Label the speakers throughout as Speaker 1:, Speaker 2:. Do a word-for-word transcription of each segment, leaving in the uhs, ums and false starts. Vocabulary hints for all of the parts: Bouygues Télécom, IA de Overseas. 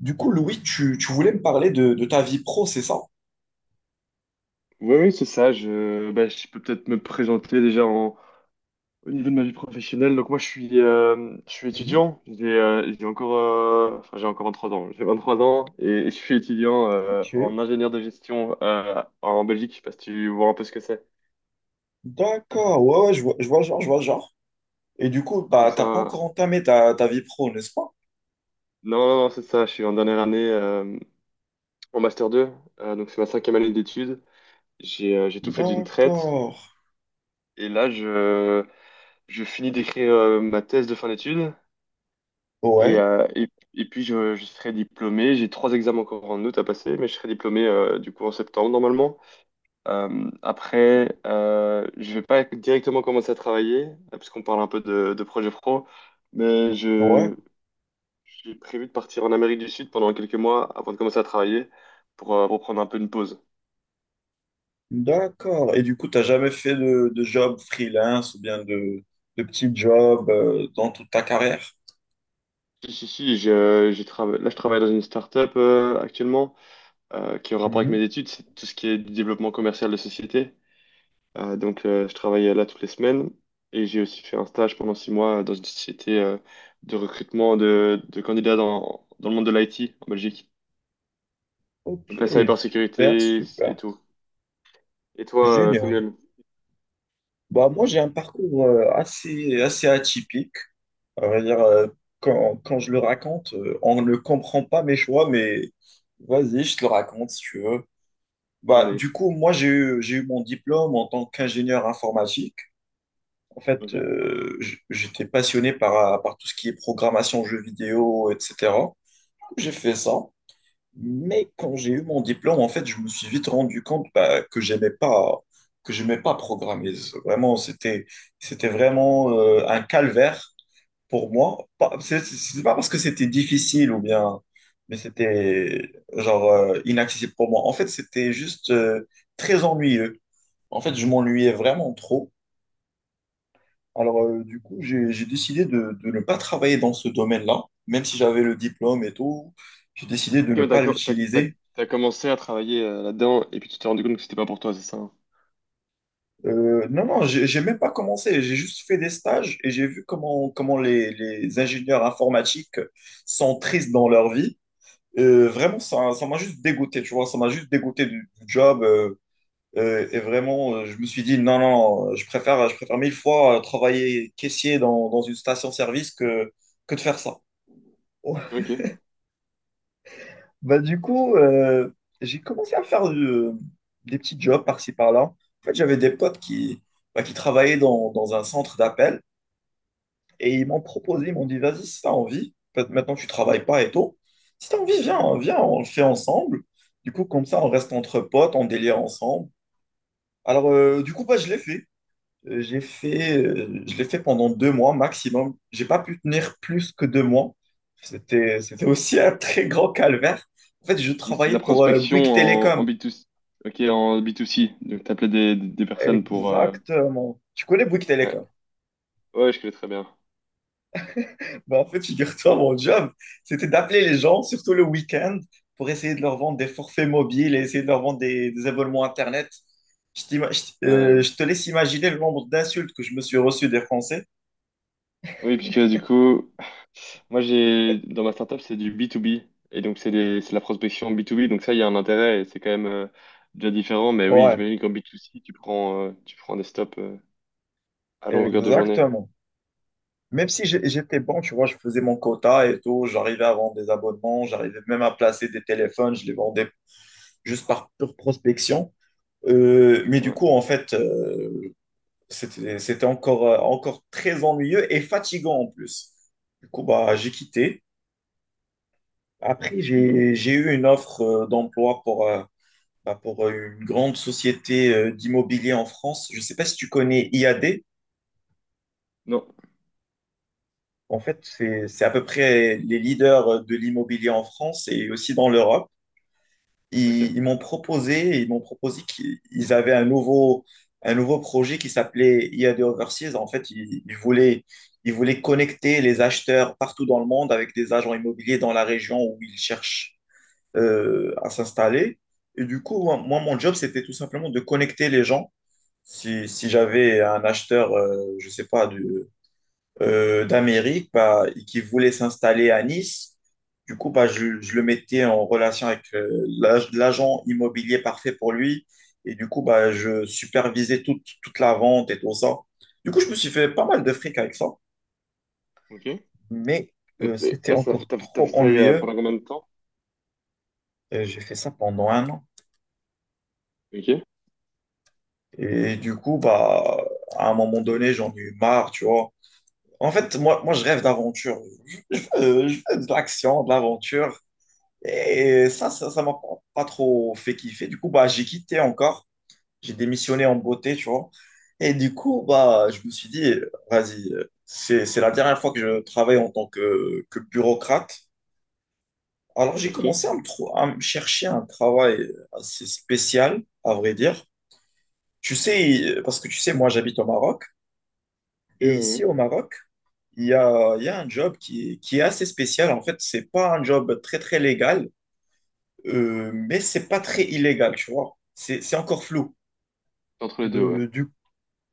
Speaker 1: Du coup, Louis, tu, tu voulais me parler de, de ta vie pro, c'est ça?
Speaker 2: Oui, oui, c'est ça. Je, bah, je peux peut-être me présenter déjà en, au niveau de ma vie professionnelle. Donc moi, je suis, euh, je suis
Speaker 1: Mhm.
Speaker 2: étudiant. J'ai euh, j'ai encore, euh, enfin, j'ai encore vingt-trois ans. J'ai vingt-trois ans et je suis étudiant euh,
Speaker 1: Ok,
Speaker 2: en ingénieur de gestion euh, en Belgique. Je sais pas si tu vois un peu ce que c'est.
Speaker 1: d'accord, ouais, ouais, je vois, je vois le genre, je vois le genre. Et du coup,
Speaker 2: Donc
Speaker 1: bah,
Speaker 2: c'est
Speaker 1: t'as pas
Speaker 2: un-
Speaker 1: encore entamé ta, ta vie pro, n'est-ce pas?
Speaker 2: Non, non, non, c'est ça. Je suis en dernière année euh, en master deux. Euh, donc c'est ma cinquième année d'études. J'ai euh, j'ai tout fait d'une traite.
Speaker 1: D'accord,
Speaker 2: Et là, je, je finis d'écrire euh, ma thèse de fin d'études. Et,
Speaker 1: ouais,
Speaker 2: euh, et, et puis je, je serai diplômé. J'ai trois examens encore en août à passer, mais je serai diplômé euh, du coup en septembre normalement. Euh, après, euh, je vais pas directement commencer à travailler, euh, puisqu'on parle un peu de, de projet pro, mais
Speaker 1: ouais,
Speaker 2: je, j'ai prévu de partir en Amérique du Sud pendant quelques mois avant de commencer à travailler pour, euh, pour prendre un peu une pause.
Speaker 1: d'accord. Et du coup, t'as jamais fait de, de job freelance ou bien de, de petit job euh, dans toute ta carrière?
Speaker 2: Si, si, si, je, j'ai trava- là je travaille dans une start-up euh, actuellement euh, qui est en rapport avec
Speaker 1: Mhm.
Speaker 2: mes études, c'est tout ce qui est du développement commercial de société. Euh, donc, euh, je travaillais là toutes les semaines et j'ai aussi fait un stage pendant six mois dans une société euh, de recrutement de, de candidats dans, dans le monde de l'I T en Belgique.
Speaker 1: Ok,
Speaker 2: Donc, la
Speaker 1: super,
Speaker 2: cybersécurité et
Speaker 1: super,
Speaker 2: tout. Et toi, euh,
Speaker 1: génial.
Speaker 2: Samuel?
Speaker 1: Bah, moi, j'ai un parcours euh, assez, assez atypique. À vrai dire, euh, quand, quand je le raconte, euh, on ne comprend pas mes choix, mais vas-y, je te le raconte si tu veux. Bah,
Speaker 2: Allez.
Speaker 1: du coup, moi, j'ai eu, j'ai eu mon diplôme en tant qu'ingénieur informatique. En
Speaker 2: Ok.
Speaker 1: fait, euh, j- j'étais passionné par, par tout ce qui est programmation, jeux vidéo, et cetera. J'ai fait ça. Mais quand j'ai eu mon diplôme, en fait, je me suis vite rendu compte bah, que j'aimais pas, que j'aimais pas programmer. Vraiment, c'était, c'était vraiment euh, un calvaire pour moi, pas- c'est c'est pas parce que c'était difficile ou bien, mais c'était genre euh, inaccessible pour moi. En fait, c'était juste euh, très ennuyeux. En fait, je m'ennuyais vraiment trop. Alors, euh, du coup, j'ai j'ai décidé de, de ne pas travailler dans ce domaine-là, même si j'avais le diplôme et tout. J'ai décidé de
Speaker 2: Ok,
Speaker 1: ne
Speaker 2: mais t'as,
Speaker 1: pas
Speaker 2: co- t'as, t'as-
Speaker 1: l'utiliser.
Speaker 2: t'as commencé à travailler euh, là-dedans et puis tu t'es rendu compte que c'était pas pour toi, c'est ça? Hein.
Speaker 1: Euh, non, non, j'ai j'ai même pas commencé. J'ai juste fait des stages et j'ai vu comment, comment les, les ingénieurs informatiques sont tristes dans leur vie. Euh, vraiment, ça, ça m'a juste dégoûté, tu vois, ça m'a juste dégoûté du, du job. Euh, euh, et vraiment, euh, je me suis dit, non, non, non, je préfère, je préfère mille fois euh, travailler caissier dans, dans une station-service que, que de faire ça.
Speaker 2: Ok.
Speaker 1: Bah, du coup, euh, j'ai commencé à faire du- des petits jobs par-ci, par-là. En fait, j'avais des potes qui, bah, qui travaillaient dans, dans un centre d'appel. Et ils m'ont proposé, ils m'ont dit, vas-y, si t'as envie, peut-être maintenant tu travailles pas et tout, si t'as envie, viens, viens, on le fait ensemble. Du coup, comme ça, on reste entre potes, on délire ensemble. Alors, euh, du coup, bah, je l'ai fait. Euh, J'ai fait, euh, je l'ai fait pendant deux mois maximum. J'ai pas pu tenir plus que deux mois. C'était, c'était aussi un très grand calvaire. En fait, je
Speaker 2: Mais c'est de
Speaker 1: travaillais
Speaker 2: la
Speaker 1: pour euh,
Speaker 2: prospection
Speaker 1: Bouygues
Speaker 2: en, en
Speaker 1: Télécom.
Speaker 2: B deux C. Ok, en B deux C. Donc, t'appelais des, des des personnes pour. euh,
Speaker 1: Exactement. Tu connais Bouygues
Speaker 2: Ouais.
Speaker 1: Télécom?
Speaker 2: Ouais, je connais très bien.
Speaker 1: Bah, en fait, figure-toi, mon job, c'était d'appeler les gens, surtout le week-end, pour essayer de leur vendre des forfaits mobiles et essayer de leur vendre des, des abonnements Internet. Je, t'ima- je t-
Speaker 2: Ouais.
Speaker 1: euh, Je te laisse imaginer le nombre d'insultes que je me suis reçu des Français.
Speaker 2: Oui, puisque du coup. Moi, j'ai dans ma startup, c'est du b to b. Et donc, c'est des- c'est de la prospection b to b. Donc, ça, il y a un intérêt et c'est quand même euh, déjà différent. Mais oui,
Speaker 1: Ouais,
Speaker 2: j'imagine qu'en b to c tu prends, euh, tu prends des stops euh, à longueur de journée.
Speaker 1: exactement. Même si j'ai- j'étais bon, tu vois, je faisais mon quota et tout, j'arrivais à vendre des abonnements, j'arrivais même à placer des téléphones, je les vendais juste par pure prospection. Euh, mais du
Speaker 2: Ouais.
Speaker 1: coup, en fait, C'était c'était encore, euh, encore très ennuyeux et fatigant en plus. Du coup, bah, j'ai quitté. Après,
Speaker 2: Mhm.
Speaker 1: j'ai, j'ai eu une offre euh, d'emploi pour, euh, bah, pour euh, une grande société euh, d'immobilier en France. Je ne sais pas si tu connais I A D.
Speaker 2: Non.
Speaker 1: En fait, c'est, c'est à peu près les leaders euh, de l'immobilier en France et aussi dans l'Europe.
Speaker 2: OK.
Speaker 1: Ils, ils m'ont proposé, ils m'ont proposé qu'ils avaient un nouveau, un nouveau projet qui s'appelait I A de Overseas. En fait, ils, ils voulaient, ils voulaient connecter les acheteurs partout dans le monde avec des agents immobiliers dans la région où ils cherchent euh, à s'installer. Et du coup, moi, moi, mon job, c'était tout simplement de connecter les gens. Si, si j'avais un acheteur, euh, je sais pas, du, euh, d'Amérique bah, et qui voulait s'installer à Nice. Du coup, bah, je, je le mettais en relation avec euh, l'ag- l'agent immobilier parfait pour lui. Et du coup, bah, je supervisais toute, toute la vente et tout ça. Du coup, je me suis fait pas mal de fric avec ça.
Speaker 2: OK. Et,
Speaker 1: Mais euh,
Speaker 2: et
Speaker 1: c'était
Speaker 2: là, ça,
Speaker 1: encore
Speaker 2: t'as, t'as
Speaker 1: trop
Speaker 2: fait ça il y a
Speaker 1: ennuyeux.
Speaker 2: pendant combien de temps?
Speaker 1: Et j'ai fait ça pendant un an.
Speaker 2: OK.
Speaker 1: Et du coup, bah, à un moment donné, j'en ai eu marre, tu vois. En fait, moi, moi je rêve d'aventure. Euh, je veux de l'action, de l'aventure. Et ça, ça, ça m'a pas pas trop fait kiffer. Du coup, bah, j'ai quitté encore. J'ai démissionné en beauté, tu vois. Et du coup, bah, je me suis dit, vas-y, euh, c'est, c'est la dernière fois que je travaille en tant que, que bureaucrate. Alors, j'ai
Speaker 2: OK. Et,
Speaker 1: commencé à me, trou- à me chercher un travail assez spécial, à vrai dire. Tu sais, euh, parce que tu sais, moi, j'habite au Maroc.
Speaker 2: ouais,
Speaker 1: Et ici,
Speaker 2: ouais.
Speaker 1: au Maroc, il y a, il y a un job qui, est- qui est assez spécial. En fait, c'est pas un job très, très légal. Euh, mais c'est pas très illégal, tu vois. C'est, c'est encore flou.
Speaker 2: Entre les deux, ouais.
Speaker 1: Euh, du,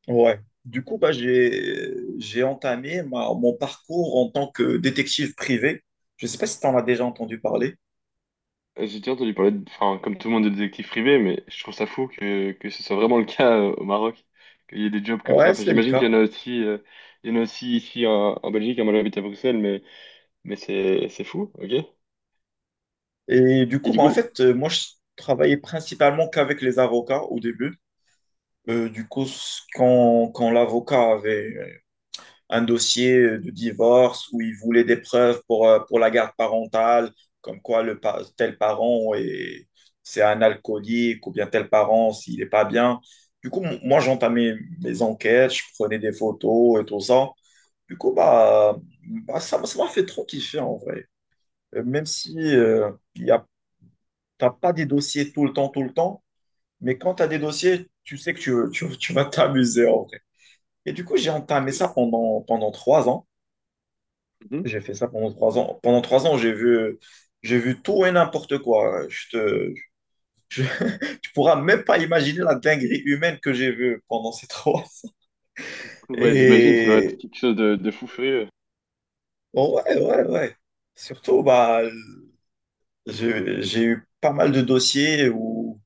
Speaker 1: ouais. Du coup, bah, j'ai, j'ai entamé ma- mon parcours en tant que détective privé. Je sais pas si tu en as déjà entendu parler.
Speaker 2: J'ai déjà entendu parler, de- enfin, comme tout le monde, de détectives privés, mais je trouve ça fou que, que ce soit vraiment le cas euh, au Maroc, qu'il y ait des jobs comme ça.
Speaker 1: Ouais,
Speaker 2: Enfin,
Speaker 1: c'est le
Speaker 2: j'imagine qu'il
Speaker 1: cas.
Speaker 2: y en a aussi, euh, il y en a aussi ici en, en Belgique, à moi j'habite à Bruxelles, mais, mais c'est, c'est fou, ok?
Speaker 1: Et du
Speaker 2: Et
Speaker 1: coup,
Speaker 2: du
Speaker 1: bah,
Speaker 2: coup,
Speaker 1: en
Speaker 2: le-
Speaker 1: fait, euh, moi, je travaillais principalement qu'avec les avocats au début. Euh, du coup, s- quand, quand l'avocat avait un dossier euh, de divorce où ils voulaient des preuves pour, euh, pour la garde parentale, comme quoi le, pa- tel parent est, c'est un alcoolique ou bien tel parent s'il n'est pas bien. Du coup, m- moi, j'entamais mes enquêtes, je prenais des photos et tout ça. Du coup, bah, bah, ça m'a ça m'a fait trop kiffer en vrai. Euh, Même si euh, y a, t'as pas des dossiers tout le temps, tout le temps, mais quand tu as des dossiers, tu sais que tu, tu, tu vas t'amuser en vrai. Et du coup, j'ai entamé ça pendant, pendant trois ans.
Speaker 2: Mhm.
Speaker 1: J'ai fait ça pendant trois ans. Pendant trois ans, j'ai vu, j'ai vu tout et n'importe quoi. Je te, je- Tu pourras même pas imaginer la dinguerie humaine que j'ai vue pendant ces trois. ans.
Speaker 2: Ouais, j'imagine, ça doit être
Speaker 1: Et
Speaker 2: quelque chose de, de fou furieux.
Speaker 1: oh, ouais, ouais, ouais. Surtout, bah, je- j'ai eu pas mal de dossiers où,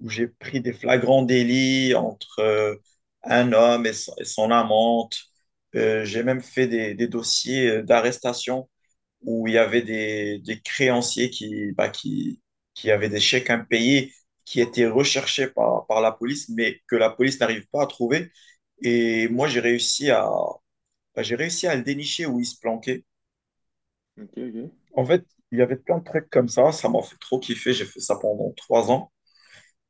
Speaker 1: où j'ai pris des flagrants délits entre euh, un homme et son, et son amante. Euh, j'ai même fait des, des dossiers euh, d'arrestation où il y avait des, des créanciers qui, bah, qui, qui avaient des chèques impayés qui étaient recherchés par, par la police, mais que la police n'arrive pas à trouver. Et moi, j'ai réussi à, bah, j'ai réussi à le dénicher où il se planquait.
Speaker 2: Ok, ok,
Speaker 1: En fait, il y avait plein de trucs comme ça. Ça m'a fait trop kiffer. J'ai fait ça pendant trois ans.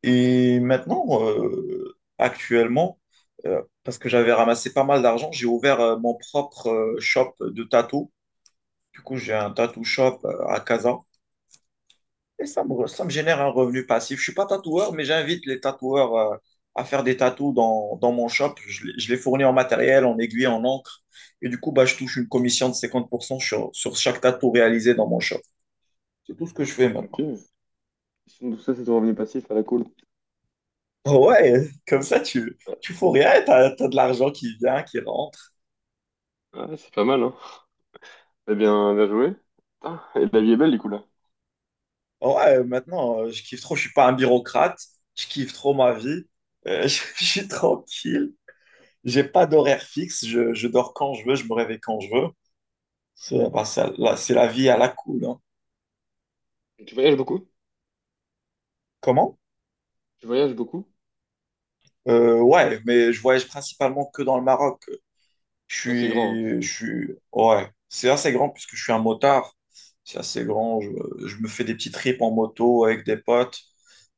Speaker 1: Et maintenant, euh, actuellement, euh, parce que j'avais ramassé pas mal d'argent, j'ai ouvert euh, mon propre euh, shop de tatou. Du coup, j'ai un tattoo shop euh, à Casa. Et ça me, ça me génère un revenu passif. Je suis pas tatoueur, mais j'invite les tatoueurs euh, à faire des tatous dans, dans mon shop. Je, les- je les fournis en matériel, en aiguille, en encre. Et du coup, bah, je touche une commission de cinquante pour cent sur, sur chaque tatou réalisé dans mon shop. C'est tout ce que je fais
Speaker 2: ok.
Speaker 1: maintenant.
Speaker 2: Donc ça, c'est ton revenu passif à la cool.
Speaker 1: Oh ouais, comme ça, tu,
Speaker 2: Ouais,
Speaker 1: tu fous rien, t'as, t'as de l'argent qui vient, qui rentre.
Speaker 2: ouais, c'est pas mal, hein? Eh bien, bien joué. Putain, et la vie est belle, du coup, là.
Speaker 1: Oh ouais, maintenant, euh, je kiffe trop, je suis pas un bureaucrate, je kiffe trop ma vie. Euh, je suis tranquille, j'ai pas d'horaire fixe, je, je dors quand je veux, je me réveille quand je veux. C'est bah, ça- là, c'est la vie à la cool. Hein.
Speaker 2: Tu voyages beaucoup?
Speaker 1: Comment?
Speaker 2: Tu voyages beaucoup?
Speaker 1: Euh, ouais, mais je voyage principalement que dans le Maroc. Je
Speaker 2: Ah, c'est grand,
Speaker 1: suis, je suis, ouais, c'est assez grand puisque je suis un motard. C'est assez grand. Je, je me fais des petits trips en moto avec des potes.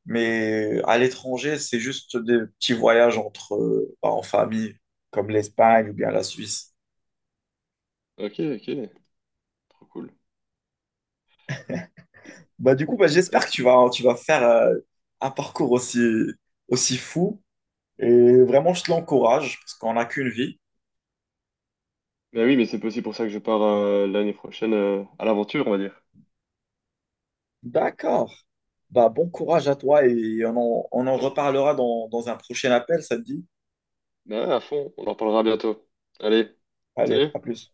Speaker 1: Mais à l'étranger, c'est juste des petits voyages entre, euh, bah, en famille, comme l'Espagne ou bien la Suisse.
Speaker 2: hein. Ok, ok, trop
Speaker 1: Bah, du coup, bah,
Speaker 2: cool.
Speaker 1: j'espère que tu vas, tu vas faire euh, un parcours aussi, aussi fou. Et vraiment, je te l'encourage parce qu'on n'a qu'une vie.
Speaker 2: Ben oui, mais c'est aussi pour ça que je pars euh, l'année prochaine euh, à l'aventure, on va dire.
Speaker 1: D'accord. Bah, bon courage à toi et on en, on en
Speaker 2: Ouais.
Speaker 1: reparlera dans, dans un prochain appel, ça te dit?
Speaker 2: Ben, à fond, on en parlera bientôt. Allez,
Speaker 1: Allez,
Speaker 2: salut!
Speaker 1: à plus.